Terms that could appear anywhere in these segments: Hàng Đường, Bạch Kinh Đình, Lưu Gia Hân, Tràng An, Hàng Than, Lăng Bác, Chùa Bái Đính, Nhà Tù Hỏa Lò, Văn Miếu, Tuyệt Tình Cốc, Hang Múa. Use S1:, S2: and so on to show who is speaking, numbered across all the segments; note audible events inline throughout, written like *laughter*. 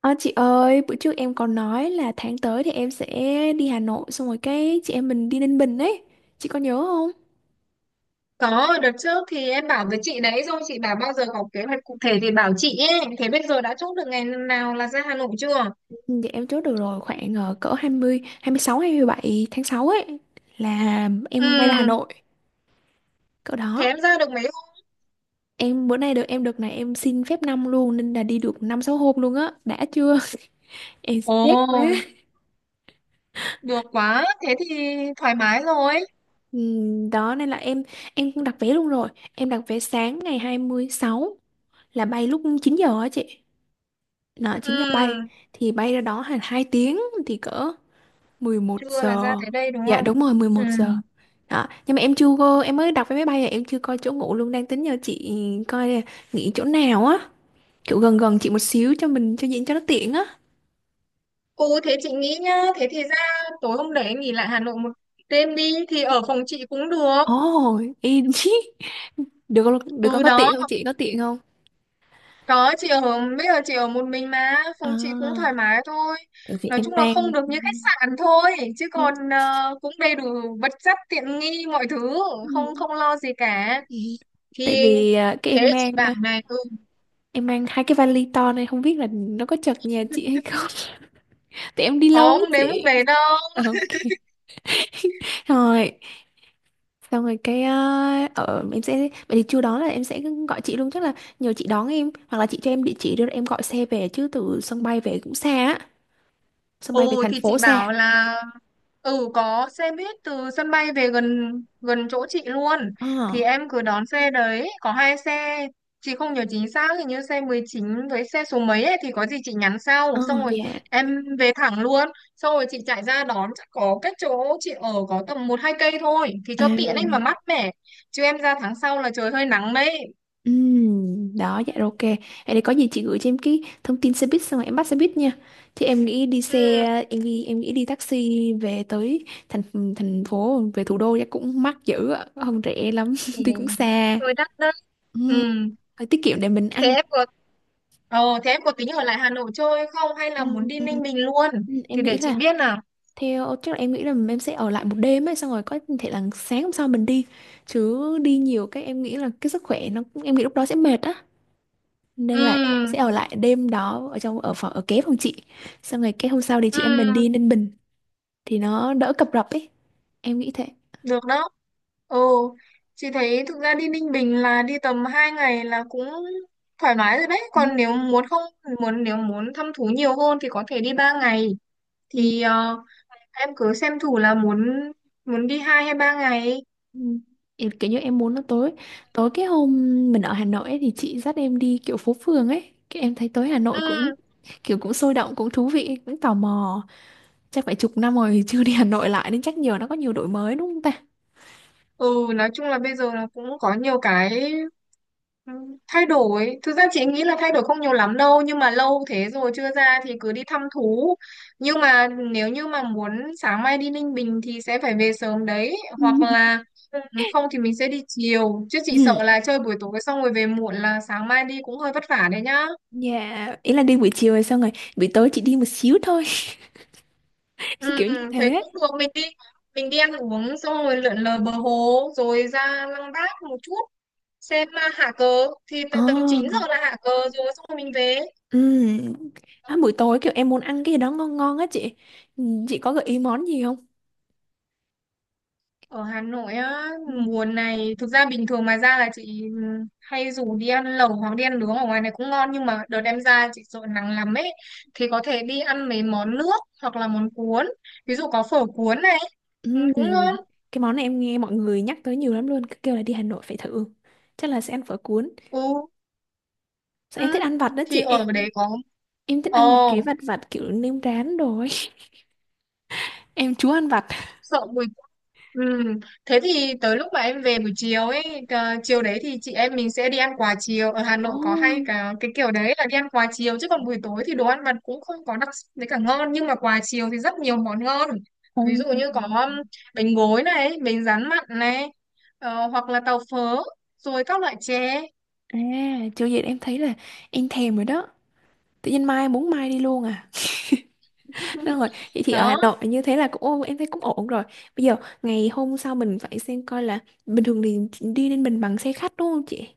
S1: Ờ, chị ơi, bữa trước em còn nói là tháng tới thì em sẽ đi Hà Nội xong rồi cái chị em mình đi Ninh Bình ấy. Chị có nhớ không?
S2: Có, đợt trước thì em bảo với chị đấy rồi, chị bảo bao giờ có kế hoạch cụ thể thì bảo chị ấy. Thế bây giờ đã chốt được ngày nào là ra Hà Nội chưa?
S1: Ừ, dạ em chốt được rồi, khoảng cỡ hai mươi, hai mươi sáu, hai mươi bảy tháng 6 ấy là em bay ra Hà
S2: Ừ,
S1: Nội. Cỡ
S2: thế
S1: đó.
S2: em ra được mấy hôm?
S1: Em bữa nay được em được này em xin phép năm luôn nên là đi được 5 6 hôm luôn á. Đã chưa? *laughs* Em
S2: Ồ,
S1: stress quá.
S2: được quá, thế thì thoải mái rồi.
S1: Ừ, đó nên là em cũng đặt vé luôn rồi. Em đặt vé sáng ngày 26 là bay lúc 9 giờ á chị. Đó, 9 giờ bay
S2: Ừ,
S1: thì bay ra đó hàng 2 tiếng thì cỡ 11
S2: trưa là ra
S1: giờ.
S2: tới đây đúng
S1: Dạ
S2: không?
S1: đúng rồi, mười
S2: Ừ.
S1: một giờ. Đó, nhưng mà em chưa có em mới đọc vé máy bay à, em chưa coi chỗ ngủ luôn, đang tính nhờ chị coi là nghỉ chỗ nào á, kiểu gần gần chị một xíu cho mình cho diễn cho nó tiện á.
S2: Ừ, thế chị nghĩ nhá, thế thì ra tối hôm đấy em nghỉ lại Hà Nội một đêm đi, thì ở phòng chị cũng được.
S1: Ồ, *laughs* em chứ. Được con
S2: Ừ
S1: có
S2: đó,
S1: tiện không chị? Có tiện không?
S2: Có, chị ở bây giờ chị ở một mình mà phòng chị cũng thoải
S1: À,
S2: mái thôi,
S1: tại vì
S2: nói
S1: em
S2: chung là
S1: mang…
S2: không được như khách sạn thôi chứ còn cũng đầy đủ vật chất tiện nghi mọi thứ, không không lo gì cả.
S1: *laughs*
S2: Thì
S1: Tại vì cái em
S2: thế chị
S1: mang
S2: bảo này, ừ,
S1: em mang hai cái vali to này không biết là nó có chật nhà chị hay không. Tại em đi lâu ấy
S2: không đến mức
S1: chị.
S2: đấy đâu.
S1: Ok. *laughs* Rồi, xong rồi cái ở em sẽ vậy thì chưa đó là em sẽ gọi chị luôn, chắc là nhờ chị đón em hoặc là chị cho em địa chỉ đưa em gọi xe về, chứ từ sân bay về cũng xa á. Sân bay về
S2: Ừ
S1: thành
S2: thì chị
S1: phố
S2: bảo
S1: xa.
S2: là ừ có xe buýt từ sân bay về gần gần chỗ chị luôn, thì
S1: Ờ.
S2: em cứ đón xe đấy, có hai xe chị không nhớ chính xác, hình như xe 19 với xe số mấy ấy, thì có gì chị nhắn sau,
S1: Ờ.
S2: xong rồi
S1: Dạ.
S2: em về thẳng luôn, xong rồi chị chạy ra đón, chắc có cách chỗ chị ở có tầm một hai cây thôi thì
S1: À.
S2: cho tiện ấy mà mát mẻ, chứ em ra tháng sau là trời hơi nắng đấy.
S1: Đó, dạ rồi, ok, vậy thì có gì chị gửi cho em cái thông tin xe buýt xong rồi em bắt xe buýt nha. Thì em nghĩ đi xe
S2: Ừ,
S1: Em nghĩ đi taxi về tới thành thành phố, về thủ đô chắc cũng mắc dữ ạ, không rẻ lắm,
S2: ừ.
S1: *laughs* tuy cũng xa.
S2: Rồi đắt đấy. Ừ.
S1: Ừm, phải tiết kiệm để mình
S2: Thế
S1: ăn.
S2: em có thế em có tính ở lại Hà Nội chơi không hay là muốn
S1: Ừm,
S2: đi Ninh Bình luôn?
S1: ừm,
S2: Thì
S1: em nghĩ
S2: để chị
S1: là
S2: biết nào.
S1: theo chắc là em nghĩ là em sẽ ở lại một đêm ấy, xong rồi có thể là sáng hôm sau mình đi, chứ đi nhiều cái em nghĩ là cái sức khỏe nó cũng em nghĩ lúc đó sẽ mệt á, nên là sẽ
S2: Ừ,
S1: ở lại đêm đó ở trong ở phòng ở kế phòng chị, xong rồi cái hôm sau thì chị em mình
S2: ừ,
S1: đi Ninh Bình thì nó đỡ cập rập ấy, em nghĩ thế.
S2: được đó. Ừ, chị thấy thực ra đi Ninh Bình là đi tầm 2 ngày là cũng thoải mái rồi đấy.
S1: Ừ.
S2: Còn nếu muốn không, muốn nếu muốn thăm thú nhiều hơn thì có thể đi 3 ngày.
S1: Ừ,
S2: Thì ờ, em cứ xem thử là muốn muốn đi 2 hay 3 ngày.
S1: ừ. Em kiểu như em muốn nó tối tối cái hôm mình ở Hà Nội ấy, thì chị dắt em đi kiểu phố phường ấy, cái em thấy tối Hà Nội
S2: Ừ,
S1: cũng kiểu cũng sôi động, cũng thú vị, cũng tò mò. Chắc phải chục năm rồi chưa đi Hà Nội lại nên chắc nhiều nó có nhiều đổi mới đúng không ta.
S2: ừ, nói chung là bây giờ nó cũng có nhiều cái. Ừ, thay đổi, thực ra chị nghĩ là thay đổi không nhiều lắm đâu nhưng mà lâu thế rồi chưa ra thì cứ đi thăm thú. Nhưng mà nếu như mà muốn sáng mai đi Ninh Bình thì sẽ phải về sớm đấy
S1: Ừ.
S2: hoặc
S1: *laughs*
S2: là ừ, không thì mình sẽ đi chiều, chứ chị
S1: Ừ,
S2: sợ là chơi buổi tối xong rồi về muộn là sáng mai đi cũng hơi vất vả đấy nhá.
S1: dạ ý là đi buổi chiều rồi xong rồi buổi tối chị đi một xíu thôi,
S2: Ừ,
S1: *laughs* kiểu như
S2: thế
S1: thế.
S2: cũng được, mình đi ăn uống xong rồi lượn lờ bờ hồ rồi ra Lăng Bác một chút xem hạ cờ thì tầm tầm 9 giờ
S1: Ồ,
S2: là hạ cờ, rồi xong rồi mình về.
S1: ừm. À, buổi tối kiểu em muốn ăn cái gì đó ngon ngon á chị. Chị có gợi ý món gì không?
S2: Ở Hà Nội á,
S1: Ừ.
S2: mùa này thực ra bình thường mà ra là chị hay rủ đi ăn lẩu hoặc đi ăn nướng ở ngoài này cũng ngon, nhưng mà đợt em ra chị sợ nắng lắm ấy, thì có thể đi ăn mấy món nước hoặc là món cuốn, ví dụ có phở cuốn này, ừ,
S1: Ừm,
S2: cũng ngon.
S1: cái món này em nghe mọi người nhắc tới nhiều lắm luôn, cứ kêu là đi Hà Nội phải thử. Chắc là sẽ ăn phở cuốn.
S2: Ừ,
S1: Sao em thích
S2: ừ.
S1: ăn vặt đó chị
S2: Thì ở
S1: em.
S2: đấy có.
S1: Em thích
S2: Ồ,
S1: ăn mấy cái vặt vặt kiểu nêm rán rồi. *laughs* Em chúa ăn vặt.
S2: sợ mùi. Ừ. Thế thì tới lúc mà em về buổi chiều ấy, chiều đấy thì chị em mình sẽ đi ăn quà chiều ở Hà Nội,
S1: Ồ.
S2: có hay cả cái kiểu đấy là đi ăn quà chiều, chứ còn buổi tối thì đồ ăn vặt cũng không có đặc sắc với cả ngon, nhưng mà quà chiều thì rất nhiều món ngon, ví dụ như có
S1: Ừm.
S2: bánh gối này, bánh rán mặn này, hoặc là tàu phớ rồi các loại chè.
S1: À, chưa vậy em thấy là em thèm rồi đó. Tự nhiên mai muốn mai đi luôn à. Đúng rồi, vậy thì ở Hà
S2: Đó.
S1: Nội như thế là cũng ô, em thấy cũng ổn rồi. Bây giờ ngày hôm sau mình phải xem coi là bình thường thì đi lên mình bằng xe khách đúng không chị?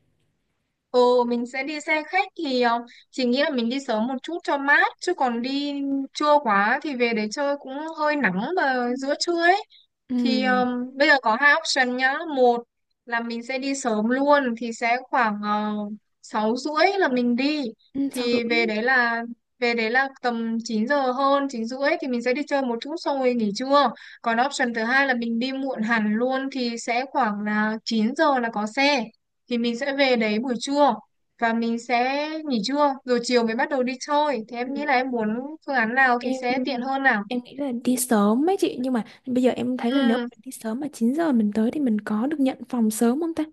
S2: Ừ, mình sẽ đi xe khách thì chỉ nghĩ là mình đi sớm một chút cho mát, chứ còn đi trưa quá thì về để chơi cũng hơi nắng vào giữa trưa ấy.
S1: Ừ,
S2: Thì bây giờ có hai option nhá, một là mình sẽ đi sớm luôn thì sẽ khoảng uh, 6 rưỡi là mình đi,
S1: ừ, sáu
S2: thì
S1: rưỡi.
S2: về đấy là tầm 9 giờ hơn 9 rưỡi thì mình sẽ đi chơi một chút xong rồi nghỉ trưa. Còn option thứ hai là mình đi muộn hẳn luôn thì sẽ khoảng là 9 giờ là có xe, thì mình sẽ về đấy buổi trưa và mình sẽ nghỉ trưa rồi chiều mới bắt đầu đi chơi, thì
S1: Ừ.
S2: em nghĩ là em muốn phương án nào thì
S1: Em
S2: sẽ tiện hơn nào.
S1: em nghĩ là đi sớm ấy chị, nhưng mà bây giờ em thấy là nếu
S2: Ừ.
S1: mình đi sớm mà 9 giờ mình tới thì mình có được nhận phòng sớm không ta?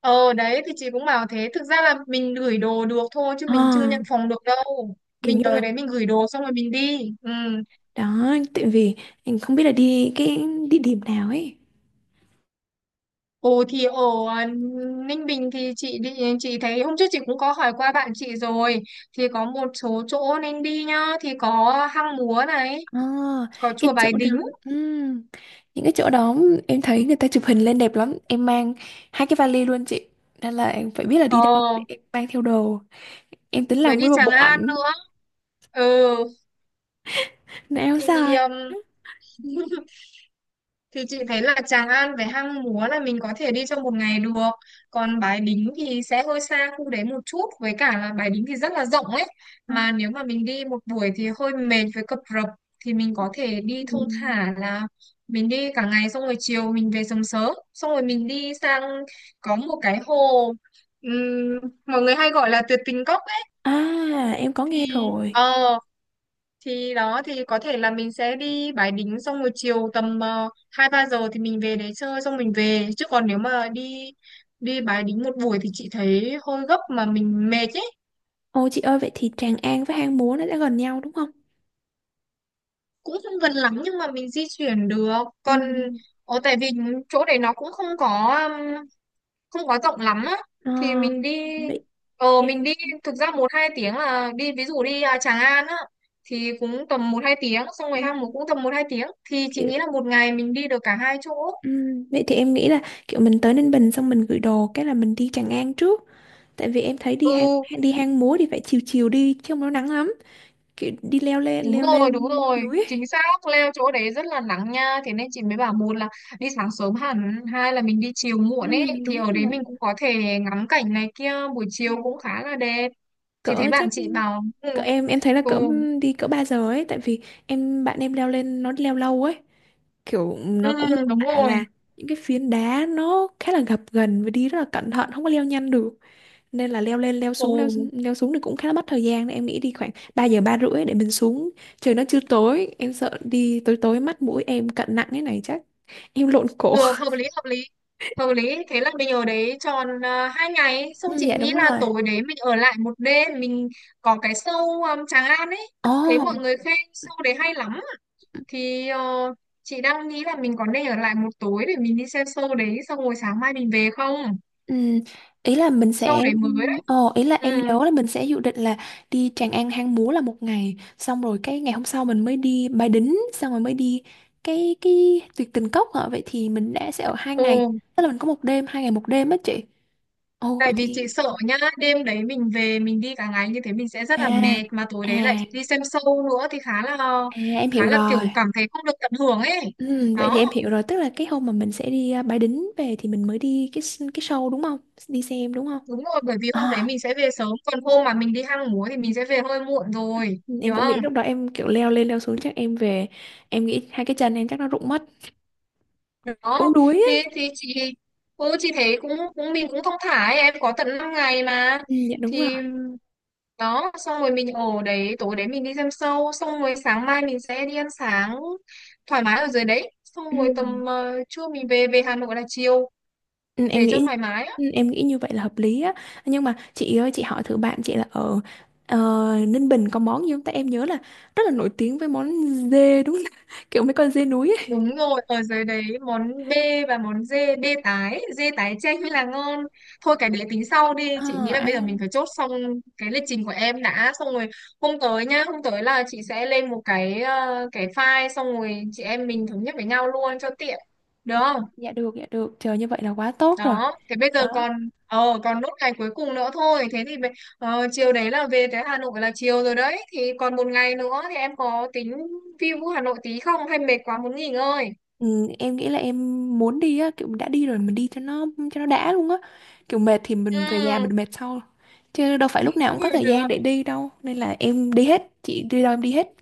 S2: Ờ đấy thì chị cũng bảo thế. Thực ra là mình gửi đồ được thôi, chứ mình chưa
S1: À,
S2: nhận phòng được đâu.
S1: kiểu
S2: Mình
S1: như là
S2: tới đấy mình gửi đồ xong rồi mình đi, ừ.
S1: đó, tại vì em không biết là đi cái địa điểm nào ấy.
S2: Ồ thì ở à, Ninh Bình thì chị đi, chị thấy hôm trước chị cũng có hỏi qua bạn chị rồi, thì có một số chỗ nên đi nhá, thì có Hang Múa này,
S1: À,
S2: có
S1: cái
S2: chùa
S1: chỗ
S2: Bái
S1: đó,
S2: Đính.
S1: ừm, những cái chỗ đó em thấy người ta chụp hình lên đẹp lắm, em mang hai cái vali luôn chị, nên là em phải biết là
S2: Ờ
S1: đi đâu để em mang theo đồ, em tính
S2: với
S1: làm
S2: đi
S1: nguyên một
S2: Tràng
S1: bộ
S2: An
S1: ảnh.
S2: nữa. Ừ
S1: *laughs* Nó áo
S2: thì
S1: dài.
S2: um, *laughs* thì chị thấy là Tràng An với Hang Múa là mình có thể đi trong một ngày được. Còn Bái Đính thì sẽ hơi xa khu đấy một chút. Với cả là Bái Đính thì rất là rộng ấy.
S1: Không.
S2: Mà nếu mà mình đi một buổi thì hơi mệt với cập rập. Thì mình có thể đi thong
S1: Ừm.
S2: thả là mình đi cả ngày xong rồi chiều mình về sớm sớm. Xong rồi mình đi sang có một cái hồ, ừm, mọi người hay gọi là tuyệt tình cốc ấy.
S1: À, em có nghe
S2: Thì
S1: rồi.
S2: ờ thì đó thì có thể là mình sẽ đi Bái Đính xong rồi chiều tầm hai ba giờ thì mình về đấy chơi xong mình về, chứ còn nếu mà đi đi Bái Đính một buổi thì chị thấy hơi gấp mà mình mệt ấy.
S1: Ô chị ơi, vậy thì Tràng An với Hang Múa nó đã gần nhau đúng không?
S2: Cũng không gần lắm nhưng mà mình di chuyển được, còn
S1: Ừm,
S2: ở tại vì chỗ đấy nó cũng không có um, không có rộng lắm á. thì
S1: à,
S2: mình đi
S1: vậy
S2: ờ
S1: em
S2: mình đi thực ra một hai tiếng là đi, ví dụ đi Tràng An á thì cũng tầm một hai tiếng, xong rồi
S1: ừm,
S2: Hang Múc cũng tầm một hai tiếng, thì chị nghĩ
S1: kiểu
S2: là một ngày mình đi được cả hai chỗ.
S1: vậy thì em nghĩ là kiểu mình tới Ninh Bình xong mình gửi đồ cái là mình đi Tràng An trước. Tại vì em thấy
S2: Ừ.
S1: đi hang múa thì phải chiều chiều đi chứ không nó nắng lắm. Kiểu đi leo lên
S2: Đúng rồi,
S1: núi ấy.
S2: chính xác, leo chỗ đấy rất là nắng nha, thế nên chị mới bảo một là đi sáng sớm hẳn, hai là mình đi chiều
S1: Ừ,
S2: muộn ấy, thì
S1: đúng
S2: ở đấy
S1: rồi.
S2: mình cũng có thể ngắm cảnh này kia, buổi chiều cũng khá là đẹp. Chị thấy
S1: Cỡ
S2: bạn
S1: chắc
S2: chị bảo, ừ,
S1: cỡ em thấy là
S2: ừ,
S1: cỡ đi cỡ 3 giờ ấy, tại vì bạn em leo lên nó leo lâu ấy. Kiểu
S2: ừ
S1: nó cũng mô
S2: đúng
S1: tả
S2: rồi,
S1: là những cái phiến đá nó khá là gập ghềnh và đi rất là cẩn thận, không có leo nhanh được. Nên là leo lên leo
S2: ừ,
S1: xuống leo leo xuống thì cũng khá là mất thời gian, nên em nghĩ đi khoảng 3 giờ ba rưỡi để mình xuống trời nó chưa tối, em sợ đi tối tối, mắt mũi em cận nặng thế này chắc heo lộn cổ.
S2: được, hợp lý, hợp lý, hợp lý, thế là mình ở đấy tròn hai ngày, xong
S1: Ừ,
S2: chị
S1: dạ
S2: nghĩ
S1: đúng
S2: là
S1: rồi.
S2: tối đấy mình ở lại một đêm, mình có cái show Tràng An ấy,
S1: Ồ,
S2: thấy mọi người khen show đấy hay lắm. Thì chị đang nghĩ là mình có nên ở lại một tối để mình đi xem show đấy xong rồi sáng mai mình về không.
S1: ừ, ý là mình
S2: Show
S1: sẽ,
S2: đấy mới đấy.
S1: ồ, ý là em
S2: Ừ.
S1: nhớ là mình sẽ dự định là đi Tràng An Hang Múa là một ngày, xong rồi cái ngày hôm sau mình mới đi Bái Đính, xong rồi mới đi cái Tuyệt Tình Cốc hả? Vậy thì mình đã sẽ ở hai
S2: Ồ,
S1: ngày, tức là mình có một đêm, hai ngày một đêm á chị. Ồ,
S2: tại
S1: vậy
S2: vì
S1: thì,
S2: chị sợ nhá đêm đấy mình về mình đi cả ngày như thế mình sẽ rất là
S1: à,
S2: mệt mà tối đấy lại
S1: à,
S2: đi xem show nữa thì là
S1: à, em
S2: khá
S1: hiểu
S2: là kiểu
S1: rồi.
S2: cảm thấy không được tận hưởng ấy.
S1: Ừ, vậy thì
S2: Đó
S1: em hiểu rồi, tức là cái hôm mà mình sẽ đi à, Bái Đính về thì mình mới đi cái show đúng không? Đi xem đúng không?
S2: đúng rồi, bởi vì hôm đấy
S1: À,
S2: mình sẽ về sớm, còn hôm mà mình đi hang múa thì mình sẽ về hơi muộn rồi,
S1: em
S2: hiểu
S1: cũng nghĩ
S2: không?
S1: lúc đó em kiểu leo lên leo xuống chắc em về, em nghĩ hai cái chân em chắc nó rụng mất, cũng
S2: Đó
S1: đuối ấy.
S2: thì chị, ừ, chị thấy cũng cũng mình cũng thong thả ấy. Em có tận 5 ngày mà,
S1: Ừ, dạ đúng rồi.
S2: thì đó xong rồi mình ở đấy tối đấy mình đi xem show xong rồi sáng mai mình sẽ đi ăn sáng thoải mái ở dưới đấy, xong
S1: Ừ.
S2: rồi tầm trưa mình về về Hà Nội là chiều,
S1: Ừ, em
S2: để cho
S1: nghĩ
S2: thoải mái.
S1: ừ, em nghĩ như vậy là hợp lý á, nhưng mà chị ơi chị hỏi thử bạn chị là ở ờ, Ninh Bình có món gì không, tại em nhớ là rất là nổi tiếng với món dê đúng không? *laughs* Kiểu mấy con dê núi ấy.
S2: Đúng rồi, ở dưới đấy món B và món D, B tái, D tái chay mới là ngon. Thôi cái đấy tính sau đi, chị
S1: Ờ,
S2: nghĩ là bây giờ mình
S1: ăn,
S2: phải chốt xong cái lịch trình của em đã, xong rồi hôm tới nhá, hôm tới là chị sẽ lên một cái cái file, xong rồi chị em mình thống nhất với nhau luôn cho tiện. Được không?
S1: dạ được, dạ được, trời như vậy là quá tốt rồi
S2: Đó, thế bây giờ
S1: đó.
S2: còn còn nốt ngày cuối cùng nữa thôi, thế thì chiều đấy là về tới Hà Nội là chiều rồi đấy, thì còn một ngày nữa thì em có tính view Hà Nội tí không hay mệt quá muốn nghỉ ngơi?
S1: Ừ, em nghĩ là em muốn đi á, kiểu đã đi rồi mình đi cho nó đã luôn á, kiểu mệt thì
S2: Ừ.
S1: mình về nhà mình mệt sau, chứ đâu phải lúc
S2: *laughs*
S1: nào cũng có
S2: Ừ,
S1: thời
S2: được
S1: gian để đi đâu, nên là em đi hết, chị đi đâu em đi hết.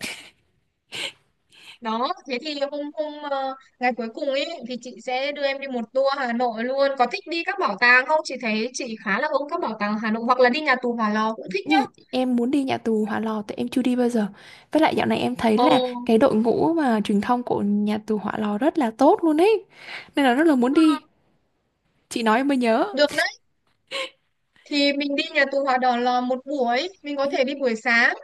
S2: đó, thế thì hôm hôm ờ, ngày cuối cùng ấy thì chị sẽ đưa em đi một tour Hà Nội luôn, có thích đi các bảo tàng không, chị thấy chị khá là ưng các bảo tàng Hà Nội hoặc là đi nhà tù Hỏa Lò cũng thích
S1: Ừ,
S2: nhá.
S1: em muốn đi nhà tù Hỏa Lò tại em chưa đi bao giờ, với lại dạo này em thấy
S2: Ồ.
S1: là cái đội ngũ mà truyền thông của nhà tù Hỏa Lò rất là tốt luôn ấy, nên là rất là muốn
S2: Ừ,
S1: đi. Chị nói em mới nhớ.
S2: được đấy, thì mình đi nhà tù Hỏa Đỏ Lò một buổi mình có thể đi buổi sáng,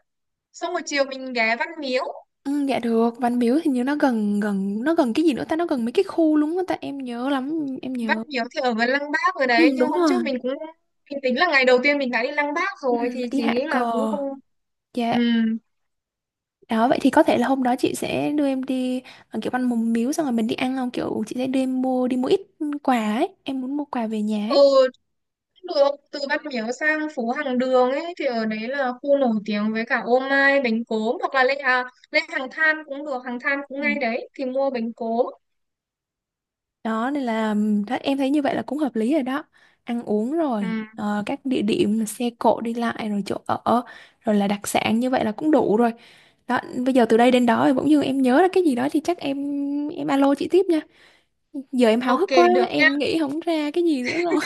S2: xong buổi chiều mình ghé Văn Miếu.
S1: Ừ, dạ được. Văn Miếu thì như nó gần gần nó gần cái gì nữa ta, nó gần mấy cái khu luôn á ta, em nhớ lắm em
S2: Văn
S1: nhớ.
S2: Miếu thì ở gần Lăng Bác rồi đấy,
S1: Ừ,
S2: nhưng
S1: đúng
S2: hôm trước
S1: rồi.
S2: mình cũng mình tính là ngày đầu tiên mình đã đi Lăng Bác
S1: Ừ,
S2: rồi thì
S1: mình đi
S2: chị
S1: hạ
S2: nghĩ
S1: cờ.
S2: là cũng không. Ừ.
S1: Dạ. Đó, vậy thì có thể là hôm đó chị sẽ đưa em đi kiểu ăn mùng miếu xong rồi mình đi ăn không, kiểu chị sẽ đưa em đi mua ít quà ấy, em muốn mua quà về nhà
S2: Ừ,
S1: ấy.
S2: được từ Văn Miếu sang phố Hàng Đường ấy, thì ở đấy là khu nổi tiếng với cả ô mai bánh cốm, hoặc là lên Hàng Than cũng được, Hàng Than cũng ngay
S1: Ừ.
S2: đấy thì mua bánh cốm.
S1: Đó nên là đó, em thấy như vậy là cũng hợp lý rồi đó. Ăn uống
S2: Ừ.
S1: rồi các địa điểm, xe cộ đi lại, rồi chỗ ở, rồi là đặc sản, như vậy là cũng đủ rồi. Đó, bây giờ từ đây đến đó thì bỗng dưng em nhớ ra cái gì đó thì chắc em alo chị tiếp nha. Giờ em háo
S2: OK
S1: hức quá
S2: được nhá.
S1: em nghĩ không ra cái gì nữa rồi.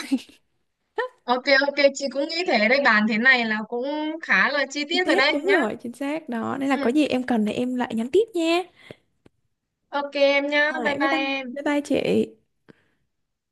S2: OK OK, chị cũng nghĩ thế đấy, bàn thế này là cũng khá là chi
S1: Chi
S2: tiết rồi
S1: tiết,
S2: đấy
S1: đúng
S2: nhá.
S1: rồi, chính xác, đó nên là
S2: Ừ.
S1: có gì em cần thì em lại nhắn tiếp nha.
S2: OK em nhá,
S1: Rồi,
S2: bye
S1: bye bye.
S2: bye em.
S1: Bye bye chị.